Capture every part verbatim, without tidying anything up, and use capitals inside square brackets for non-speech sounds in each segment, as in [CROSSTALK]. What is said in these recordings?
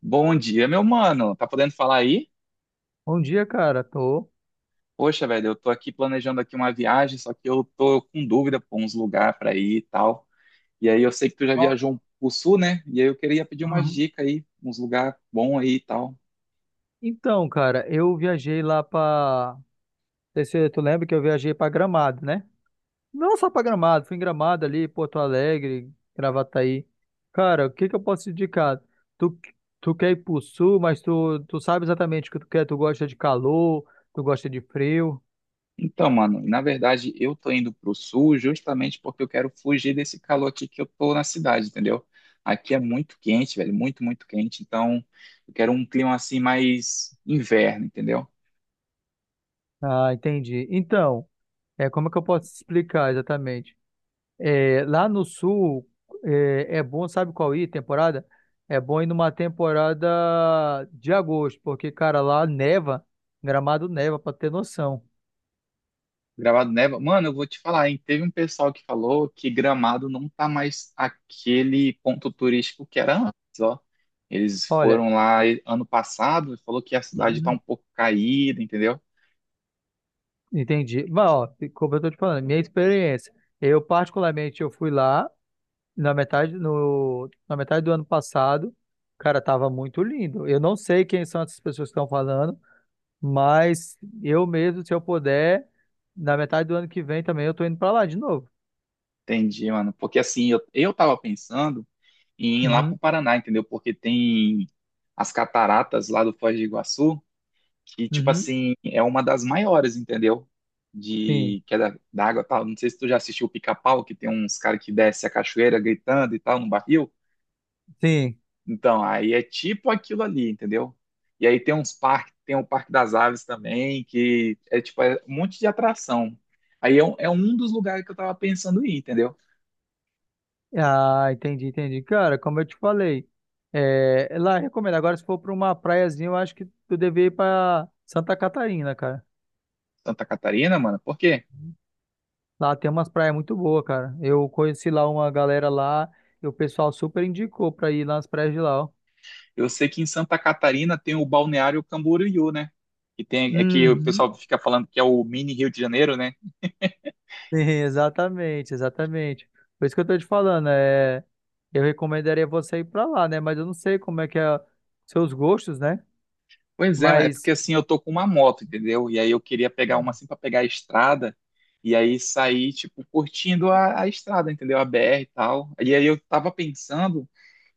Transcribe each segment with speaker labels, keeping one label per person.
Speaker 1: Bom dia, meu mano. Tá podendo falar aí?
Speaker 2: Bom dia, cara. Tô.
Speaker 1: Poxa, velho, eu tô aqui planejando aqui uma viagem, só que eu tô com dúvida por uns lugares pra ir e tal. E aí eu sei que tu já
Speaker 2: Ó,
Speaker 1: viajou pro sul, né? E aí eu queria pedir umas
Speaker 2: aham.
Speaker 1: dicas aí, uns lugares bons aí e tal.
Speaker 2: Então, cara, eu viajei lá pra. Não sei se tu lembra que eu viajei pra Gramado, né? Não só pra Gramado, fui em Gramado ali, Porto Alegre, Gravataí. Cara, o que que eu posso te indicar? Tu, tu quer ir pro sul, mas tu, tu sabe exatamente o que tu quer. Tu gosta de calor, tu gosta de frio.
Speaker 1: Então, mano, na verdade eu tô indo pro sul justamente porque eu quero fugir desse calor aqui que eu tô na cidade, entendeu? Aqui é muito quente, velho, muito, muito quente. Então, eu quero um clima assim mais inverno, entendeu?
Speaker 2: Ah, entendi. Então, é como é que eu posso te explicar exatamente? É, lá no sul, é, é bom, sabe qual ir, temporada? É bom ir numa temporada de agosto, porque, cara, lá neva, Gramado neva, pra ter noção.
Speaker 1: Gramado neva. Mano, eu vou te falar, hein? Teve um pessoal que falou que Gramado não tá mais aquele ponto turístico que era antes, ó. Eles
Speaker 2: Olha,
Speaker 1: foram lá e- ano passado e falou que a cidade tá um
Speaker 2: uhum.
Speaker 1: pouco caída, entendeu?
Speaker 2: Entendi. Mas, ó, como eu tô te falando, minha experiência. Eu, particularmente, eu fui lá na metade, no, na metade do ano passado. Cara, tava muito lindo. Eu não sei quem são essas pessoas que estão falando, mas eu mesmo, se eu puder, na metade do ano que vem também eu tô indo pra lá de novo.
Speaker 1: Entendi, mano. Porque assim, eu, eu tava pensando em ir lá pro
Speaker 2: Uhum,
Speaker 1: Paraná, entendeu? Porque tem as cataratas lá do Foz do Iguaçu. Que, tipo
Speaker 2: uhum,
Speaker 1: assim, é uma das maiores, entendeu?
Speaker 2: sim,
Speaker 1: De que é da, da água e tal. Não sei se tu já assistiu o Pica-Pau, que tem uns caras que desce a cachoeira gritando e tal no barril.
Speaker 2: sim.
Speaker 1: Então, aí é tipo aquilo ali, entendeu? E aí tem uns parques, tem o Parque das Aves também, que é tipo é um monte de atração. Aí é, um- é um dos lugares que eu tava pensando em ir, entendeu?
Speaker 2: Ah, entendi, entendi. Cara, como eu te falei, é, é lá eu recomendo. Agora, se for para uma praiazinha, eu acho que tu deve ir para Santa Catarina, cara.
Speaker 1: Santa Catarina, mano, por quê?
Speaker 2: Lá tem umas praias muito boas, cara. Eu conheci lá uma galera lá e o pessoal super indicou para ir lá nas praias de lá, ó.
Speaker 1: Eu sei que em Santa Catarina tem o Balneário Camboriú, né? Que tem, é que o
Speaker 2: Uhum,
Speaker 1: pessoal fica falando que é o mini Rio de Janeiro, né?
Speaker 2: [LAUGHS] sim, exatamente, exatamente. Por isso que eu tô te falando, é, eu recomendaria você ir para lá, né? Mas eu não sei como é que é seus gostos, né?
Speaker 1: Pois é, mas é
Speaker 2: Mas.
Speaker 1: porque assim eu tô com uma moto, entendeu? E aí eu queria pegar uma
Speaker 2: Sim.
Speaker 1: assim pra pegar a estrada e aí sair, tipo, curtindo a, a estrada, entendeu? A B R e tal. E aí eu tava pensando,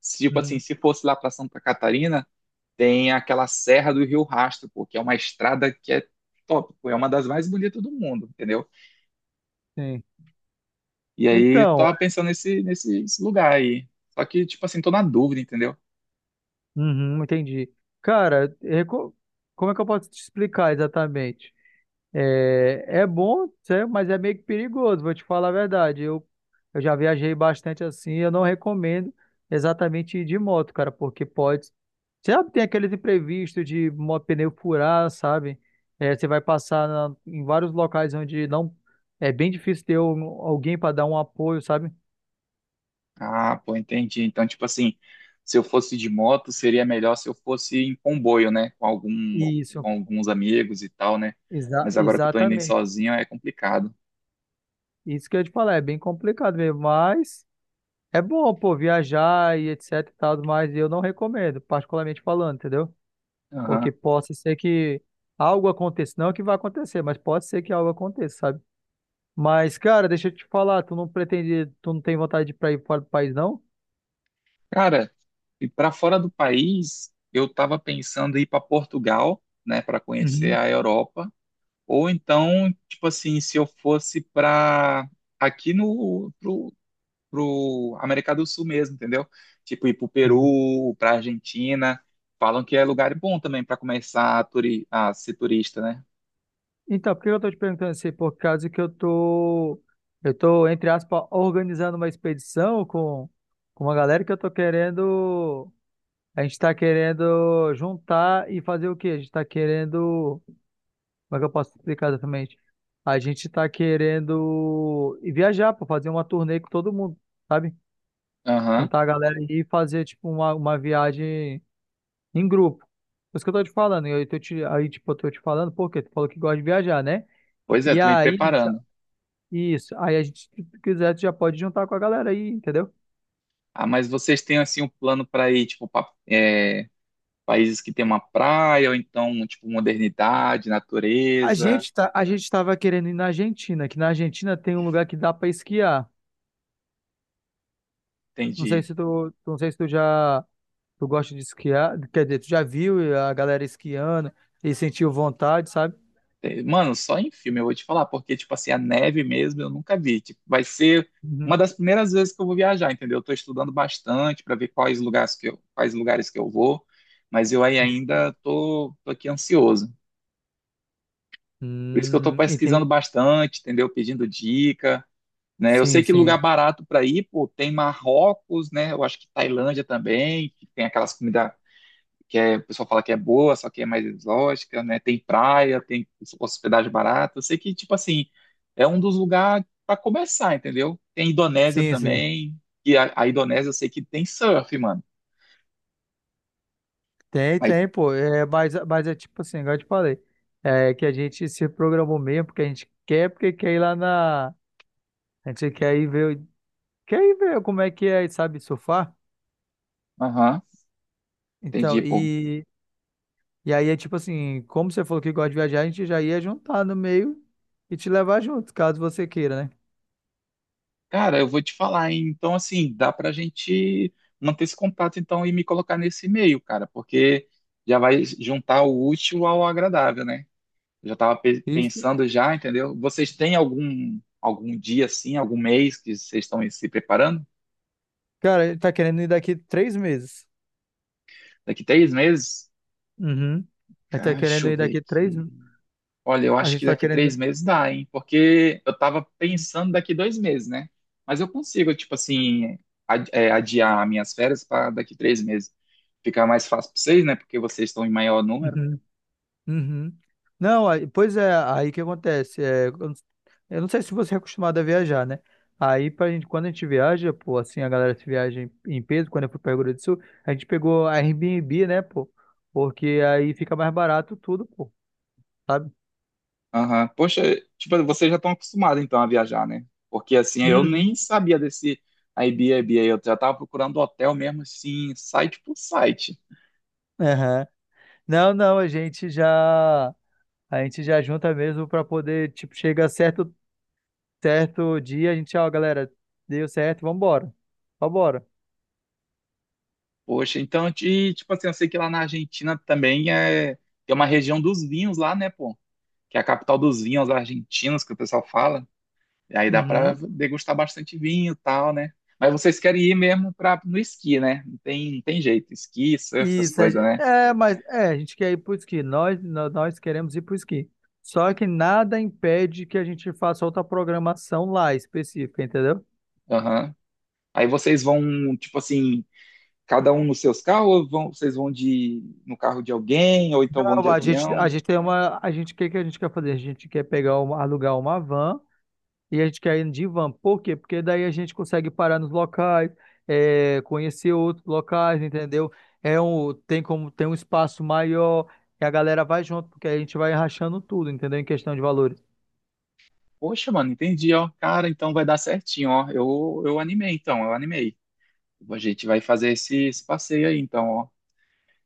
Speaker 1: se, tipo assim,
Speaker 2: Uhum,
Speaker 1: se fosse lá pra Santa Catarina, tem aquela Serra do Rio Rastro, pô, que é uma estrada que é top, pô, é uma das mais bonitas do mundo, entendeu?
Speaker 2: sim.
Speaker 1: E aí eu
Speaker 2: Então,
Speaker 1: tava pensando nesse, nesse, nesse lugar aí. Só que, tipo assim, tô na dúvida, entendeu?
Speaker 2: uhum, entendi. Cara, reco- como é que eu posso te explicar exatamente? É, é bom, sé- mas é meio que perigoso, vou te falar a verdade. Eu, eu já viajei bastante assim, eu não recomendo exatamente ir de moto, cara, porque pode. Sabe, tem aqueles imprevistos de mo- pneu furar, sabe? É, você vai passar na- em vários locais onde não é bem difícil ter um- alguém para dar um apoio, sabe?
Speaker 1: Ah, pô, entendi. Então, tipo assim, se eu fosse de moto, seria melhor se eu fosse em comboio, né? Com algum,
Speaker 2: Isso,
Speaker 1: com alguns amigos e tal, né?
Speaker 2: exa-
Speaker 1: Mas agora que eu tô indo em
Speaker 2: exatamente.
Speaker 1: sozinho é complicado.
Speaker 2: Isso que eu ia te falar, é bem complicado mesmo, mas é bom, pô, viajar e etc e tal, mas eu não recomendo, particularmente falando, entendeu? Porque
Speaker 1: Aham.
Speaker 2: possa ser que algo aconteça, não que vai acontecer, mas pode ser que algo aconteça, sabe? Mas, cara, deixa eu te falar, tu não pretende, tu não tem vontade de ir pra ir fora do país, não?
Speaker 1: Cara, e para fora do país, eu tava pensando em ir para Portugal, né, para conhecer
Speaker 2: Uhum,
Speaker 1: a Europa, ou então, tipo assim, se eu fosse para aqui no pro América do Sul mesmo, entendeu? Tipo, ir pro
Speaker 2: uhum.
Speaker 1: Peru, pra Argentina. Falam que é lugar bom também para começar a, turi a ser turista, né?
Speaker 2: Então, por que eu tô te perguntando isso? Por causa que eu tô, eu tô, entre aspas, organizando uma expedição com, com uma galera que eu tô querendo. A gente está querendo juntar e fazer o quê? A gente está querendo. Como é que eu posso explicar exatamente? A gente está querendo ir viajar para fazer uma turnê com todo mundo, sabe?
Speaker 1: Aham.
Speaker 2: Juntar a galera e fazer tipo uma, uma viagem em grupo. Por isso que eu tô te falando. E aí, tô te, aí, tipo, eu tô te falando, porque tu falou que gosta de viajar, né?
Speaker 1: Pois é,
Speaker 2: E
Speaker 1: tô me
Speaker 2: aí,
Speaker 1: preparando.
Speaker 2: isso. Aí a gente, se tu quiser, tu já pode juntar com a galera aí, entendeu?
Speaker 1: Ah, mas vocês têm assim um plano para ir, tipo, pa- é, países que tem uma praia, ou então, tipo, modernidade,
Speaker 2: A
Speaker 1: natureza?
Speaker 2: gente tá, a gente tava querendo ir na Argentina, que na Argentina tem um lugar que dá para esquiar. Não sei
Speaker 1: Entendi.
Speaker 2: se tu, não sei se tu já tu gosta de esquiar, quer dizer, tu já viu a galera esquiando e sentiu vontade, sabe?
Speaker 1: É, mano, só em filme eu vou te falar, porque, tipo assim, a neve mesmo eu nunca vi. Tipo, vai ser uma
Speaker 2: Uhum.
Speaker 1: das primeiras vezes que eu vou viajar, entendeu? Eu tô estudando bastante para ver quais lugares que eu, quais lugares que eu vou, mas eu aí ainda tô, tô aqui ansioso. Por isso que eu tô
Speaker 2: Hum,
Speaker 1: pesquisando
Speaker 2: entendi.
Speaker 1: bastante, entendeu? Pedindo dica, né? Eu sei
Speaker 2: Sim,
Speaker 1: que lugar
Speaker 2: sim.
Speaker 1: barato para ir, pô, tem Marrocos, né? Eu acho que Tailândia também, que tem aquelas comidas que é, o pessoal fala que é boa, só que é mais exótica, né? Tem praia, tem hospedagem barata. Eu sei que, tipo assim, é um dos lugares para começar, entendeu? Tem Indonésia
Speaker 2: Sim, sim.
Speaker 1: também, e a, a Indonésia eu sei que tem surf, mano.
Speaker 2: Tem,
Speaker 1: Aí,
Speaker 2: tem, pô. É, mas, mas é tipo assim, igual eu te falei. É que a gente se programou mesmo, porque a gente quer, porque quer ir lá na. A gente quer ir ver, quer ir ver como é que é, sabe, surfar.
Speaker 1: aham, entendi,
Speaker 2: Então,
Speaker 1: pô.
Speaker 2: e E aí é tipo assim, como você falou que gosta de viajar, a gente já ia juntar no meio e te levar junto, caso você queira, né?
Speaker 1: Cara, eu vou te falar, hein? Então, assim, dá pra gente manter esse contato, então, e me colocar nesse e-mail, cara, porque já vai juntar o útil ao agradável, né? Eu já estava
Speaker 2: Isso,
Speaker 1: pensando já, entendeu? Vocês têm algum algum dia assim, algum mês que vocês estão se preparando?
Speaker 2: cara, ele tá querendo ir daqui três meses.
Speaker 1: Daqui três meses?
Speaker 2: Uhum. A gente tá
Speaker 1: Cara, deixa
Speaker 2: querendo
Speaker 1: eu
Speaker 2: ir
Speaker 1: ver
Speaker 2: daqui três.
Speaker 1: aqui. Olha, eu
Speaker 2: A
Speaker 1: acho
Speaker 2: gente
Speaker 1: que
Speaker 2: tá
Speaker 1: daqui três
Speaker 2: querendo.
Speaker 1: meses dá, hein? Porque eu estava pensando daqui dois meses, né? Mas eu consigo, tipo assim, ad- é, adiar minhas férias para daqui três meses. Ficar mais fácil para vocês, né? Porque vocês estão em maior número.
Speaker 2: Uhum. Uhum. Não, aí- pois é, aí que acontece. é, eu não eu não sei se você é acostumado a viajar, né? Aí pra gente, quando a gente viaja, pô, assim, a galera se viaja em, em peso, quando eu fui pra Rio Grande do Sul, a gente pegou a Airbnb, né, pô? Porque aí fica mais barato tudo, pô. Sabe?
Speaker 1: Aham. Poxa, tipo, vocês já estão acostumados então a viajar, né? Porque assim, eu nem
Speaker 2: Uhum,
Speaker 1: sabia desse Airbnb aí, eu já tava procurando hotel mesmo assim, site por site.
Speaker 2: aham. Não, não, a gente já a gente já junta mesmo pra poder, tipo, chega certo certo dia, a gente, ó, galera, deu certo, vambora. Vambora.
Speaker 1: Poxa, então, e, tipo assim, eu sei que lá na Argentina também é, tem uma região dos vinhos lá, né, pô? Que é a capital dos vinhos argentinos, que o pessoal fala. E aí dá pra
Speaker 2: Uhum.
Speaker 1: degustar bastante vinho e tal, né? Mas vocês querem ir mesmo pra, no esqui, né? Não tem, não tem jeito, esqui, surf, essas
Speaker 2: Isso, a
Speaker 1: coisas,
Speaker 2: gen-
Speaker 1: né?
Speaker 2: é, mas é, a gente quer ir pro esqui, nós nó- nós queremos ir pro esqui. Só que nada impede que a gente faça outra programação lá específica, entendeu?
Speaker 1: Aham. Aí vocês vão, tipo assim, cada um nos seus carros ou vão- vocês vão de no carro de alguém ou então vão de
Speaker 2: Não, a gente
Speaker 1: avião?
Speaker 2: a gente tem uma a gente o que que a gente quer fazer? A gente quer pegar uma, alugar uma van. E a gente quer ir de van. Por quê? Porque daí a gente consegue parar nos locais, é, conhecer outros locais, entendeu? É um, tem como tem um espaço maior e a galera vai junto, porque a gente vai rachando tudo, entendeu? Em questão de valores.
Speaker 1: Poxa, mano, entendi, ó. Cara, então vai dar certinho, ó. Eu, eu animei, então, eu animei. A gente vai fazer esse, esse passeio aí, então, ó.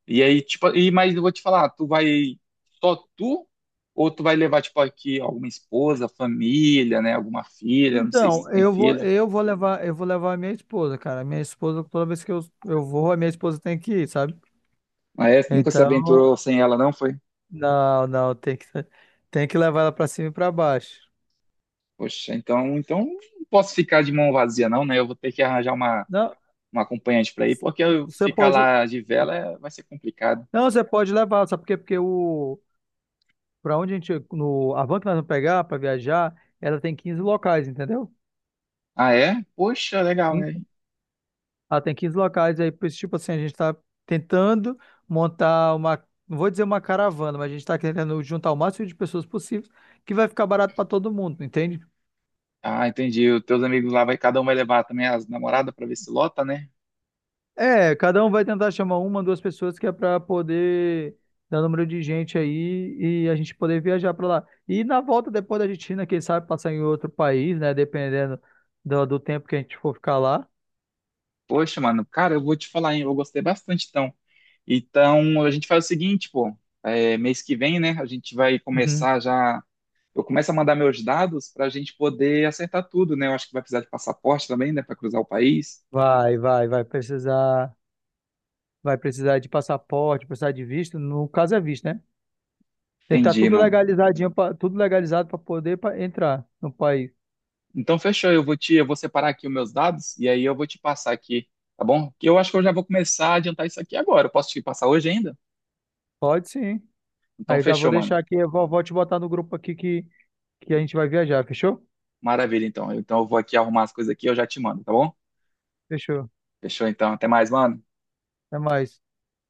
Speaker 1: E aí, tipo, e, mas eu vou te falar, tu vai só tu ou tu vai levar, tipo, aqui alguma esposa, família, né? Alguma filha, não sei se tu
Speaker 2: Então,
Speaker 1: tem
Speaker 2: eu vou,
Speaker 1: filha.
Speaker 2: eu vou levar, eu vou levar a minha esposa, cara. A minha esposa, toda vez que eu, eu vou, a minha esposa tem que ir, sabe?
Speaker 1: Ah, é? Nunca se
Speaker 2: Então,
Speaker 1: aventurou sem ela, não foi?
Speaker 2: não, não, tem que, tem que levar ela pra cima e pra baixo.
Speaker 1: Poxa, então, então não posso ficar de mão vazia, não, né? Eu vou ter que arranjar uma
Speaker 2: Não,
Speaker 1: um acompanhante para ir, porque eu
Speaker 2: você
Speaker 1: ficar
Speaker 2: pode,
Speaker 1: lá de vela é- vai ser complicado.
Speaker 2: não, você pode levar, sabe por quê? Porque o, Para onde a gente, no, a van que nós vamos pegar para viajar, ela tem quinze locais, entendeu?
Speaker 1: Ah, é? Poxa, legal, é.
Speaker 2: Eita. Ela tem quinze locais, aí, pois, tipo assim, a gente está tentando montar uma, não vou dizer uma caravana, mas a gente está tentando juntar o máximo de pessoas possível, que vai ficar barato para todo mundo, entende?
Speaker 1: Ah, entendi. Os teus amigos lá, vai, cada um vai levar também as namoradas para ver se lota, né?
Speaker 2: É, cada um vai tentar chamar uma, duas pessoas, que é para poder dar número de gente aí e a gente poder viajar para lá. E na volta, depois da Argentina, quem sabe passar em outro país, né? Dependendo do, do tempo que a gente for ficar lá.
Speaker 1: Poxa, mano, cara, eu vou te falar, hein? Eu gostei bastante, então. Então, a gente faz o seguinte, pô. É, mês que vem, né? A gente vai começar já. Eu começo a mandar meus dados para a gente poder acertar tudo, né? Eu acho que vai precisar de passaporte também, né? Para cruzar o país.
Speaker 2: Vai, vai, vai precisar, vai precisar de passaporte, precisar de visto. No caso é visto, né? Tem que estar
Speaker 1: Entendi,
Speaker 2: tudo
Speaker 1: mano.
Speaker 2: legalizadinho, pra- tudo legalizado para poder pa- entrar no país.
Speaker 1: Então, fechou. Eu vou te, eu vou separar aqui os meus dados e aí eu vou te passar aqui, tá bom? Que eu acho que eu já vou começar a adiantar isso aqui agora. Eu posso te passar hoje ainda?
Speaker 2: Pode sim.
Speaker 1: Então,
Speaker 2: Aí eu já vou
Speaker 1: fechou,
Speaker 2: deixar
Speaker 1: mano.
Speaker 2: aqui, eu vou, vou te botar no grupo aqui que, que a gente vai viajar, fechou?
Speaker 1: Maravilha, então. Então, eu vou aqui arrumar as coisas aqui e eu já te mando, tá bom?
Speaker 2: Fechou.
Speaker 1: Fechou, então. Até mais, mano.
Speaker 2: Até mais.